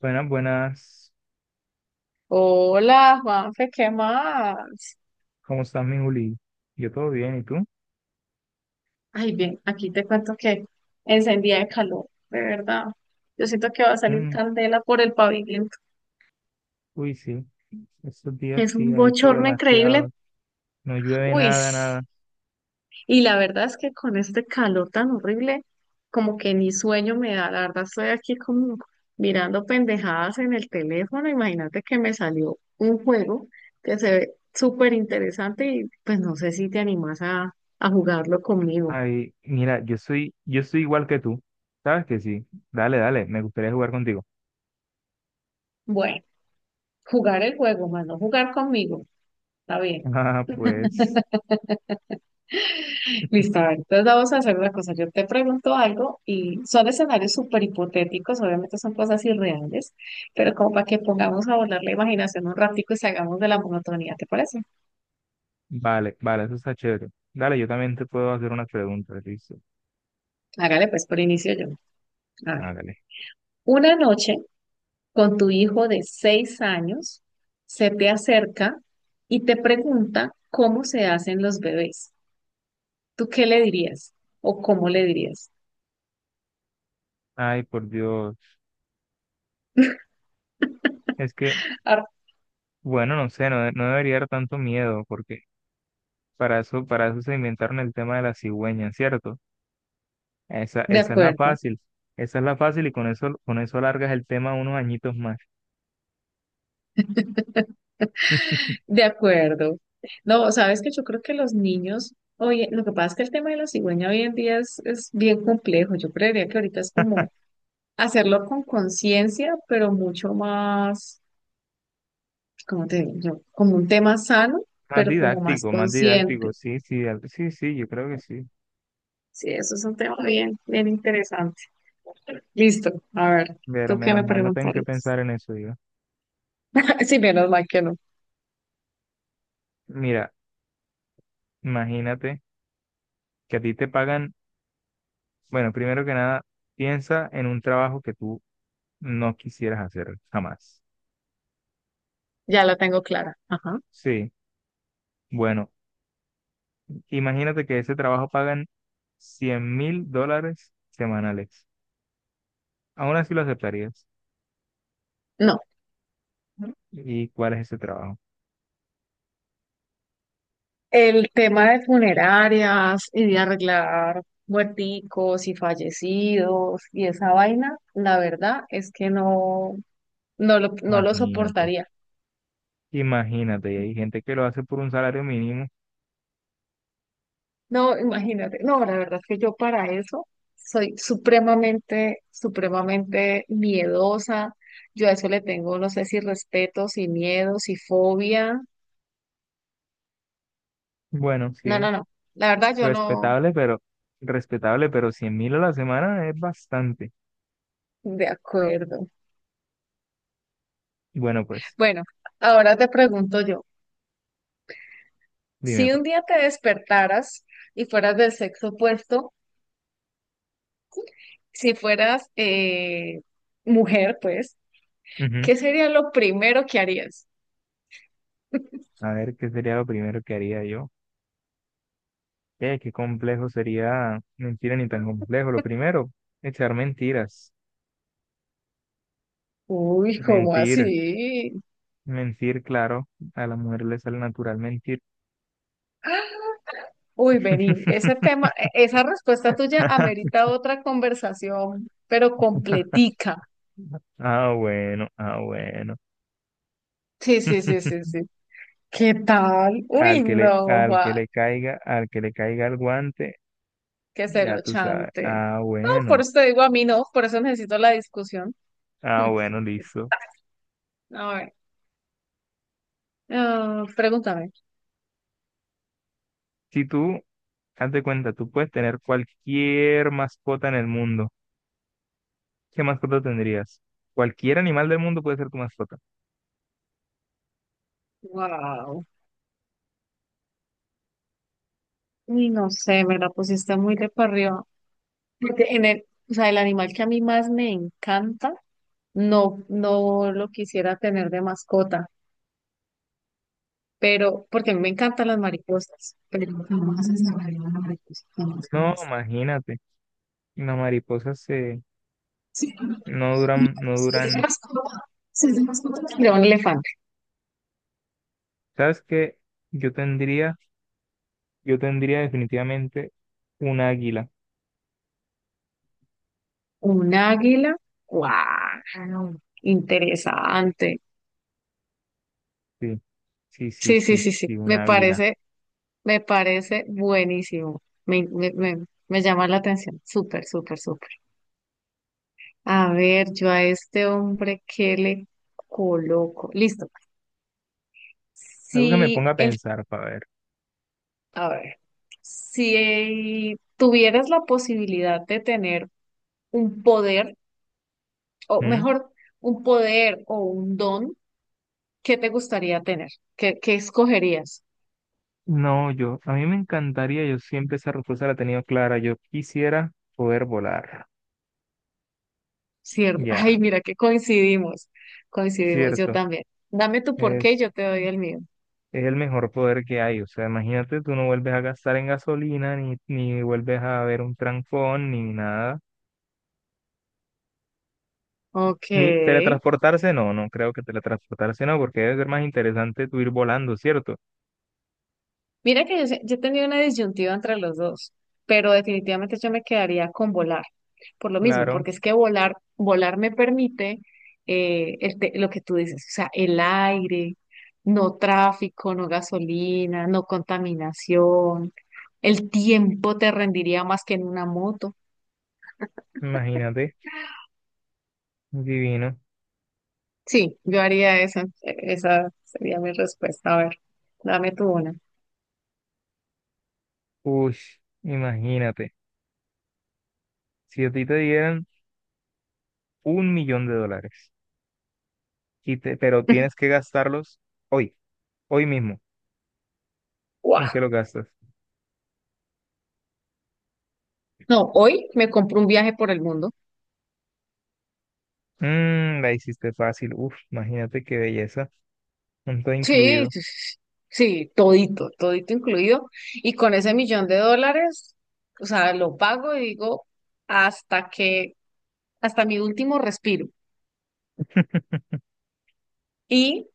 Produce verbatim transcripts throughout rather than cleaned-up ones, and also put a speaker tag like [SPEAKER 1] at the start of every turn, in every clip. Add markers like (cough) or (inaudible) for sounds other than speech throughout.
[SPEAKER 1] Buenas, buenas.
[SPEAKER 2] Hola, Juanfe, ¿qué más?
[SPEAKER 1] ¿Cómo estás, mi Juli? Yo todo bien, ¿y tú?
[SPEAKER 2] Ay, bien, aquí te cuento que encendía de calor, de verdad. Yo siento que va a salir
[SPEAKER 1] Mm,
[SPEAKER 2] candela por el pavimento.
[SPEAKER 1] uy, sí. Estos días
[SPEAKER 2] Es
[SPEAKER 1] sí
[SPEAKER 2] un
[SPEAKER 1] ha hecho
[SPEAKER 2] bochorno increíble.
[SPEAKER 1] demasiado. No llueve
[SPEAKER 2] Uy,
[SPEAKER 1] nada,
[SPEAKER 2] s-
[SPEAKER 1] nada.
[SPEAKER 2] y la verdad es que con este calor tan horrible, como que ni sueño me da. La verdad, estoy aquí como mirando pendejadas en el teléfono. Imagínate que me salió un juego que se ve súper interesante y pues no sé si te animas a, a jugarlo conmigo.
[SPEAKER 1] Ay, mira, yo soy, yo soy igual que tú. ¿Sabes que sí? Dale, dale, me gustaría jugar contigo.
[SPEAKER 2] Bueno. Jugar el juego, mano, jugar conmigo. Está bien.
[SPEAKER 1] (laughs) Ah, pues,
[SPEAKER 2] Listo, a ver. Entonces vamos a hacer una cosa. Yo te pregunto algo y son escenarios súper hipotéticos, obviamente son cosas irreales, pero como para que pongamos a volar la imaginación un ratico y salgamos de la monotonía, ¿te parece?
[SPEAKER 1] vale, vale, eso está chévere. Dale, yo también te puedo hacer unas preguntas, listo.
[SPEAKER 2] Hágale pues por inicio yo. A ver.
[SPEAKER 1] Hágale.
[SPEAKER 2] Una noche con tu hijo de seis años se te acerca y te pregunta cómo se hacen los bebés. ¿Tú qué le dirías? ¿O cómo le dirías?
[SPEAKER 1] Ay, por Dios. Es que,
[SPEAKER 2] Ah,
[SPEAKER 1] bueno, no sé, no, de- no debería dar tanto miedo, porque para eso, para eso se inventaron el tema de la cigüeña, ¿cierto? Esa,
[SPEAKER 2] de
[SPEAKER 1] esa es la
[SPEAKER 2] acuerdo.
[SPEAKER 1] fácil, esa es la fácil y con eso, con eso alargas el tema unos añitos más.
[SPEAKER 2] De acuerdo. No, sabes que yo creo que los niños, oye, lo que pasa es que el tema de la cigüeña hoy en día es, es bien complejo. Yo creería que ahorita es como hacerlo con conciencia, pero mucho más, ¿cómo te digo yo? Como un tema sano,
[SPEAKER 1] Más
[SPEAKER 2] pero como más
[SPEAKER 1] didáctico, más didáctico,
[SPEAKER 2] consciente.
[SPEAKER 1] sí, sí, al- sí, sí, yo creo que sí.
[SPEAKER 2] Sí, eso es un tema bien, bien interesante. Listo. A ver,
[SPEAKER 1] Pero
[SPEAKER 2] ¿tú qué
[SPEAKER 1] menos
[SPEAKER 2] me
[SPEAKER 1] mal no tengo que
[SPEAKER 2] preguntarías?
[SPEAKER 1] pensar en eso yo.
[SPEAKER 2] (laughs) Sí, menos mal que no.
[SPEAKER 1] Mira, imagínate que a ti te pagan, bueno, primero que nada, piensa en un trabajo que tú no quisieras hacer jamás.
[SPEAKER 2] Ya la tengo clara. Ajá.
[SPEAKER 1] Sí, bueno, imagínate que ese trabajo pagan cien mil dólares semanales. Aún así lo aceptarías.
[SPEAKER 2] No.
[SPEAKER 1] ¿Y cuál es ese trabajo?
[SPEAKER 2] El tema de funerarias y de arreglar muerticos y fallecidos y esa vaina, la verdad es que no, no lo, no lo
[SPEAKER 1] Imagínate.
[SPEAKER 2] soportaría.
[SPEAKER 1] Imagínate, y hay gente que lo hace por un salario mínimo.
[SPEAKER 2] No, imagínate, no, la verdad es que yo para eso soy supremamente, supremamente miedosa. Yo a eso le tengo, no sé si respeto, si miedo, si fobia.
[SPEAKER 1] Bueno,
[SPEAKER 2] No,
[SPEAKER 1] sí,
[SPEAKER 2] no, no. La verdad yo no,
[SPEAKER 1] respetable, pero respetable, pero cien mil a la semana es bastante.
[SPEAKER 2] de acuerdo.
[SPEAKER 1] Bueno, pues,
[SPEAKER 2] Bueno, ahora te pregunto yo.
[SPEAKER 1] dime
[SPEAKER 2] Si un
[SPEAKER 1] pues.
[SPEAKER 2] día te despertaras y fueras del sexo opuesto, si fueras eh, mujer, pues,
[SPEAKER 1] Ujú.
[SPEAKER 2] ¿qué sería lo primero que harías?
[SPEAKER 1] A ver, ¿qué sería lo primero que haría yo? Eh, qué complejo sería, mentira ni tan complejo. Lo primero, echar mentiras.
[SPEAKER 2] Uy, ¿cómo
[SPEAKER 1] Mentir,
[SPEAKER 2] así?
[SPEAKER 1] mentir, claro. A la mujer le sale natural mentir.
[SPEAKER 2] (gasps) Uy, vení, ese tema, e-
[SPEAKER 1] (laughs)
[SPEAKER 2] esa respuesta tuya amerita otra conversación, pero completica.
[SPEAKER 1] Ah, bueno, ah, bueno.
[SPEAKER 2] Sí, sí, sí, sí, sí. ¿Qué tal?
[SPEAKER 1] Al
[SPEAKER 2] Uy,
[SPEAKER 1] que le,
[SPEAKER 2] no,
[SPEAKER 1] al que
[SPEAKER 2] Juan,
[SPEAKER 1] le caiga, al que le caiga el guante,
[SPEAKER 2] que se
[SPEAKER 1] ya
[SPEAKER 2] lo
[SPEAKER 1] tú sabes.
[SPEAKER 2] chante.
[SPEAKER 1] Ah,
[SPEAKER 2] No, por
[SPEAKER 1] bueno.
[SPEAKER 2] eso te digo a mí no, por eso necesito la discusión.
[SPEAKER 1] Ah, bueno,
[SPEAKER 2] (laughs)
[SPEAKER 1] listo.
[SPEAKER 2] A ver, ah, pregúntame.
[SPEAKER 1] Si tú, haz de cuenta, tú puedes tener cualquier mascota en el mundo. ¿Qué mascota tendrías? Cualquier animal del mundo puede ser tu mascota.
[SPEAKER 2] Wow. Uy, no sé, me la pusiste muy de para arriba. Porque en el, o sea, el animal que a mí más me encanta, no, no lo quisiera tener de mascota, pero porque a mí me encantan las mariposas, pero jamás encerraría una mariposa, jamás,
[SPEAKER 1] No,
[SPEAKER 2] jamás.
[SPEAKER 1] imagínate. Las mariposas se,
[SPEAKER 2] Sí,
[SPEAKER 1] no duran, no
[SPEAKER 2] si es de
[SPEAKER 1] duran.
[SPEAKER 2] mascota, si es de mascota, tendría un elefante,
[SPEAKER 1] ¿Sabes qué? Yo tendría, yo tendría definitivamente un águila.
[SPEAKER 2] un águila, wow, interesante.
[SPEAKER 1] Sí, sí, sí,
[SPEAKER 2] Sí, sí,
[SPEAKER 1] sí,
[SPEAKER 2] sí, sí,
[SPEAKER 1] sí, un
[SPEAKER 2] me
[SPEAKER 1] águila.
[SPEAKER 2] parece. Me parece buenísimo. Me, me, me- me llama la atención. Súper, súper, súper. A ver, yo a este hombre, ¿qué le coloco? Listo.
[SPEAKER 1] Algo que me
[SPEAKER 2] Si
[SPEAKER 1] ponga a
[SPEAKER 2] el,
[SPEAKER 1] pensar para
[SPEAKER 2] a ver, si tuvieras la posibilidad de tener un poder, o
[SPEAKER 1] ver.
[SPEAKER 2] mejor, un poder o un don, ¿qué te gustaría tener? ¿Qué, qué escogerías?
[SPEAKER 1] No, yo, a mí me encantaría, yo siempre esa respuesta la he tenido clara, yo quisiera poder volar,
[SPEAKER 2] ¿Cierto? Ay,
[SPEAKER 1] ya,
[SPEAKER 2] mira que coincidimos. Coincidimos, yo
[SPEAKER 1] cierto,
[SPEAKER 2] también. Dame tu porqué y
[SPEAKER 1] es,
[SPEAKER 2] yo te doy el mío.
[SPEAKER 1] es el mejor poder que hay, o sea, imagínate, tú no vuelves a gastar en gasolina, ni, ni vuelves a ver un trancón, ni nada, ni
[SPEAKER 2] Ok.
[SPEAKER 1] teletransportarse, no, no creo que teletransportarse no, porque debe ser más interesante tú ir volando, ¿cierto?
[SPEAKER 2] Mira que yo, se- yo tenía una disyuntiva entre los dos, pero definitivamente yo me quedaría con volar, por lo mismo,
[SPEAKER 1] Claro,
[SPEAKER 2] porque es que volar, volar me permite eh, el te- lo que tú dices, o sea, el aire, no tráfico, no gasolina, no contaminación, el tiempo te rendiría más que en una moto.
[SPEAKER 1] imagínate, divino,
[SPEAKER 2] Sí, yo haría eso, esa sería mi respuesta. A ver, dame tu una.
[SPEAKER 1] uy, imagínate, si a ti te dieran un millón de dólares. Y te- pero tienes
[SPEAKER 2] (laughs)
[SPEAKER 1] que gastarlos hoy, hoy mismo. ¿En qué
[SPEAKER 2] Guau.
[SPEAKER 1] lo gastas?
[SPEAKER 2] No, hoy me compro un viaje por el mundo.
[SPEAKER 1] Mm, la hiciste fácil. Uf, imagínate qué belleza. Un todo
[SPEAKER 2] Sí,
[SPEAKER 1] incluido.
[SPEAKER 2] sí, sí, sí, todito, todito incluido. Y con ese millón de dólares, o sea, lo pago y digo hasta que, hasta mi último respiro.
[SPEAKER 1] (laughs)
[SPEAKER 2] Y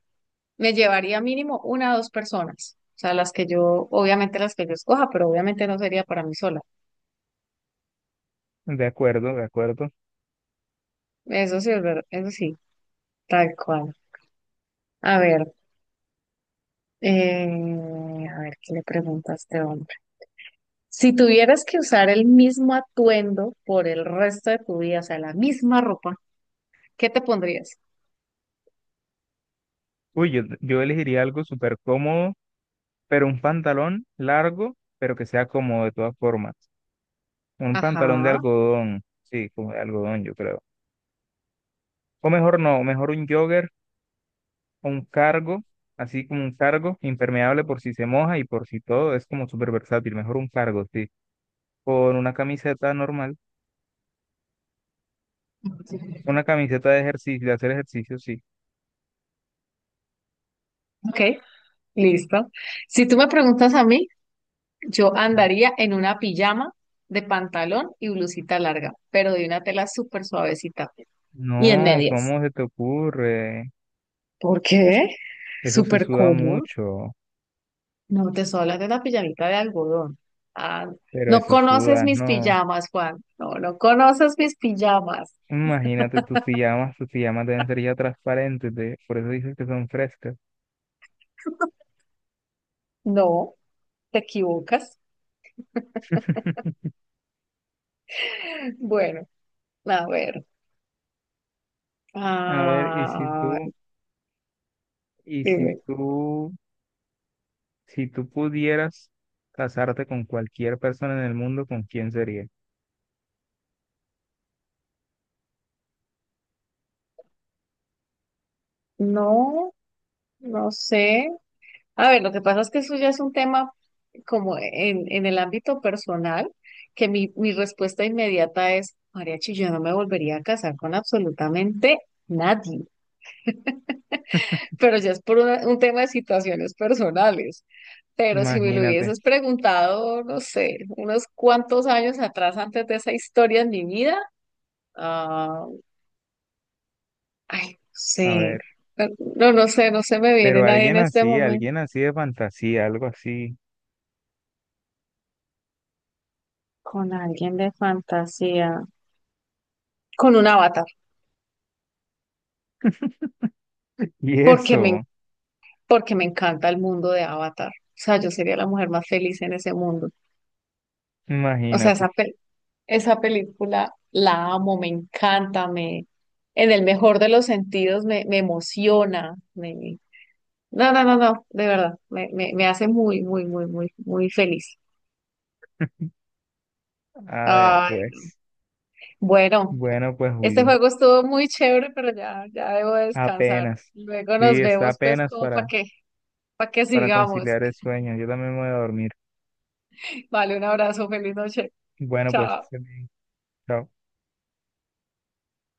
[SPEAKER 2] me llevaría mínimo una o dos personas. O sea, las que yo, obviamente las que yo escoja, pero obviamente no sería para mí sola.
[SPEAKER 1] De acuerdo, de acuerdo.
[SPEAKER 2] Eso sí, es verdad, eso sí, tal cual. A ver, eh, a ver, ¿qué le pregunta a este hombre? Si tuvieras que usar el mismo atuendo por el resto de tu vida, o sea, la misma ropa, ¿qué te pondrías?
[SPEAKER 1] Uy, yo, yo elegiría algo súper cómodo, pero un pantalón largo, pero que sea cómodo de todas formas. Un pantalón de
[SPEAKER 2] Ajá.
[SPEAKER 1] algodón, sí, como de algodón, yo creo. O mejor no, mejor un jogger o un cargo, así como un cargo impermeable por si se moja y por si todo, es como súper versátil. Mejor un cargo, sí. Con una camiseta normal, una camiseta de ejercicio, de hacer ejercicio, sí.
[SPEAKER 2] Ok, listo. Si tú me preguntas a mí, yo andaría en una pijama de pantalón y blusita larga, pero de una tela súper suavecita y en
[SPEAKER 1] No,
[SPEAKER 2] medias.
[SPEAKER 1] ¿cómo se te ocurre?
[SPEAKER 2] ¿Por qué?
[SPEAKER 1] Eso se
[SPEAKER 2] Súper
[SPEAKER 1] suda
[SPEAKER 2] cómodo.
[SPEAKER 1] mucho,
[SPEAKER 2] No, te estoy hablando de una pijamita de algodón. Ah,
[SPEAKER 1] pero
[SPEAKER 2] no
[SPEAKER 1] eso
[SPEAKER 2] conoces
[SPEAKER 1] sudas,
[SPEAKER 2] mis
[SPEAKER 1] no.
[SPEAKER 2] pijamas, Juan. No, no conoces mis pijamas.
[SPEAKER 1] Imagínate tus pijamas, tus pijamas deben ser ya transparentes, de- por eso dices que son frescas.
[SPEAKER 2] No, te equivocas.
[SPEAKER 1] (laughs)
[SPEAKER 2] Bueno, a ver.
[SPEAKER 1] A ver, y si
[SPEAKER 2] Ah,
[SPEAKER 1] tú, y si
[SPEAKER 2] dime.
[SPEAKER 1] tú, si tú pudieras casarte con cualquier persona en el mundo, ¿con quién sería?
[SPEAKER 2] No. No sé. A ver, lo que pasa es que eso ya es un tema como en, en el ámbito personal, que mi, mi respuesta inmediata es, mariachi, yo no me volvería a casar con absolutamente nadie. Pero ya es por una- un tema de situaciones personales. Pero si me lo
[SPEAKER 1] Imagínate,
[SPEAKER 2] hubieses preguntado, no sé, unos cuantos años atrás antes de esa historia en mi vida, ah, ay, no
[SPEAKER 1] a ver,
[SPEAKER 2] sé. No, no sé, no se me viene
[SPEAKER 1] pero
[SPEAKER 2] nadie en
[SPEAKER 1] alguien
[SPEAKER 2] este
[SPEAKER 1] así,
[SPEAKER 2] momento.
[SPEAKER 1] alguien así de fantasía, algo así.
[SPEAKER 2] Con alguien de fantasía. Con una bata.
[SPEAKER 1] (laughs) Y
[SPEAKER 2] porque me,
[SPEAKER 1] eso.
[SPEAKER 2] porque me encanta el mundo de Avatar. O sea, yo sería la mujer más feliz en ese mundo. O sea,
[SPEAKER 1] Imagínate.
[SPEAKER 2] esa, pel- esa película la amo, me encanta, me, en el mejor de los sentidos me, me emociona. Me, no, no, no, no, de verdad, me, me, me hace muy, muy, muy, muy, muy feliz.
[SPEAKER 1] A ver,
[SPEAKER 2] Ay,
[SPEAKER 1] pues.
[SPEAKER 2] bueno,
[SPEAKER 1] Bueno, pues,
[SPEAKER 2] este
[SPEAKER 1] Juli.
[SPEAKER 2] juego estuvo muy chévere, pero ya, ya debo descansar.
[SPEAKER 1] Apenas.
[SPEAKER 2] Luego
[SPEAKER 1] Sí,
[SPEAKER 2] nos
[SPEAKER 1] está
[SPEAKER 2] vemos, pues,
[SPEAKER 1] apenas
[SPEAKER 2] como para
[SPEAKER 1] para,
[SPEAKER 2] que, para que
[SPEAKER 1] para
[SPEAKER 2] sigamos.
[SPEAKER 1] conciliar el sueño. Yo también me voy a dormir.
[SPEAKER 2] Vale, un abrazo, feliz noche.
[SPEAKER 1] Bueno, pues, que
[SPEAKER 2] Chao.
[SPEAKER 1] estés bien. Chao.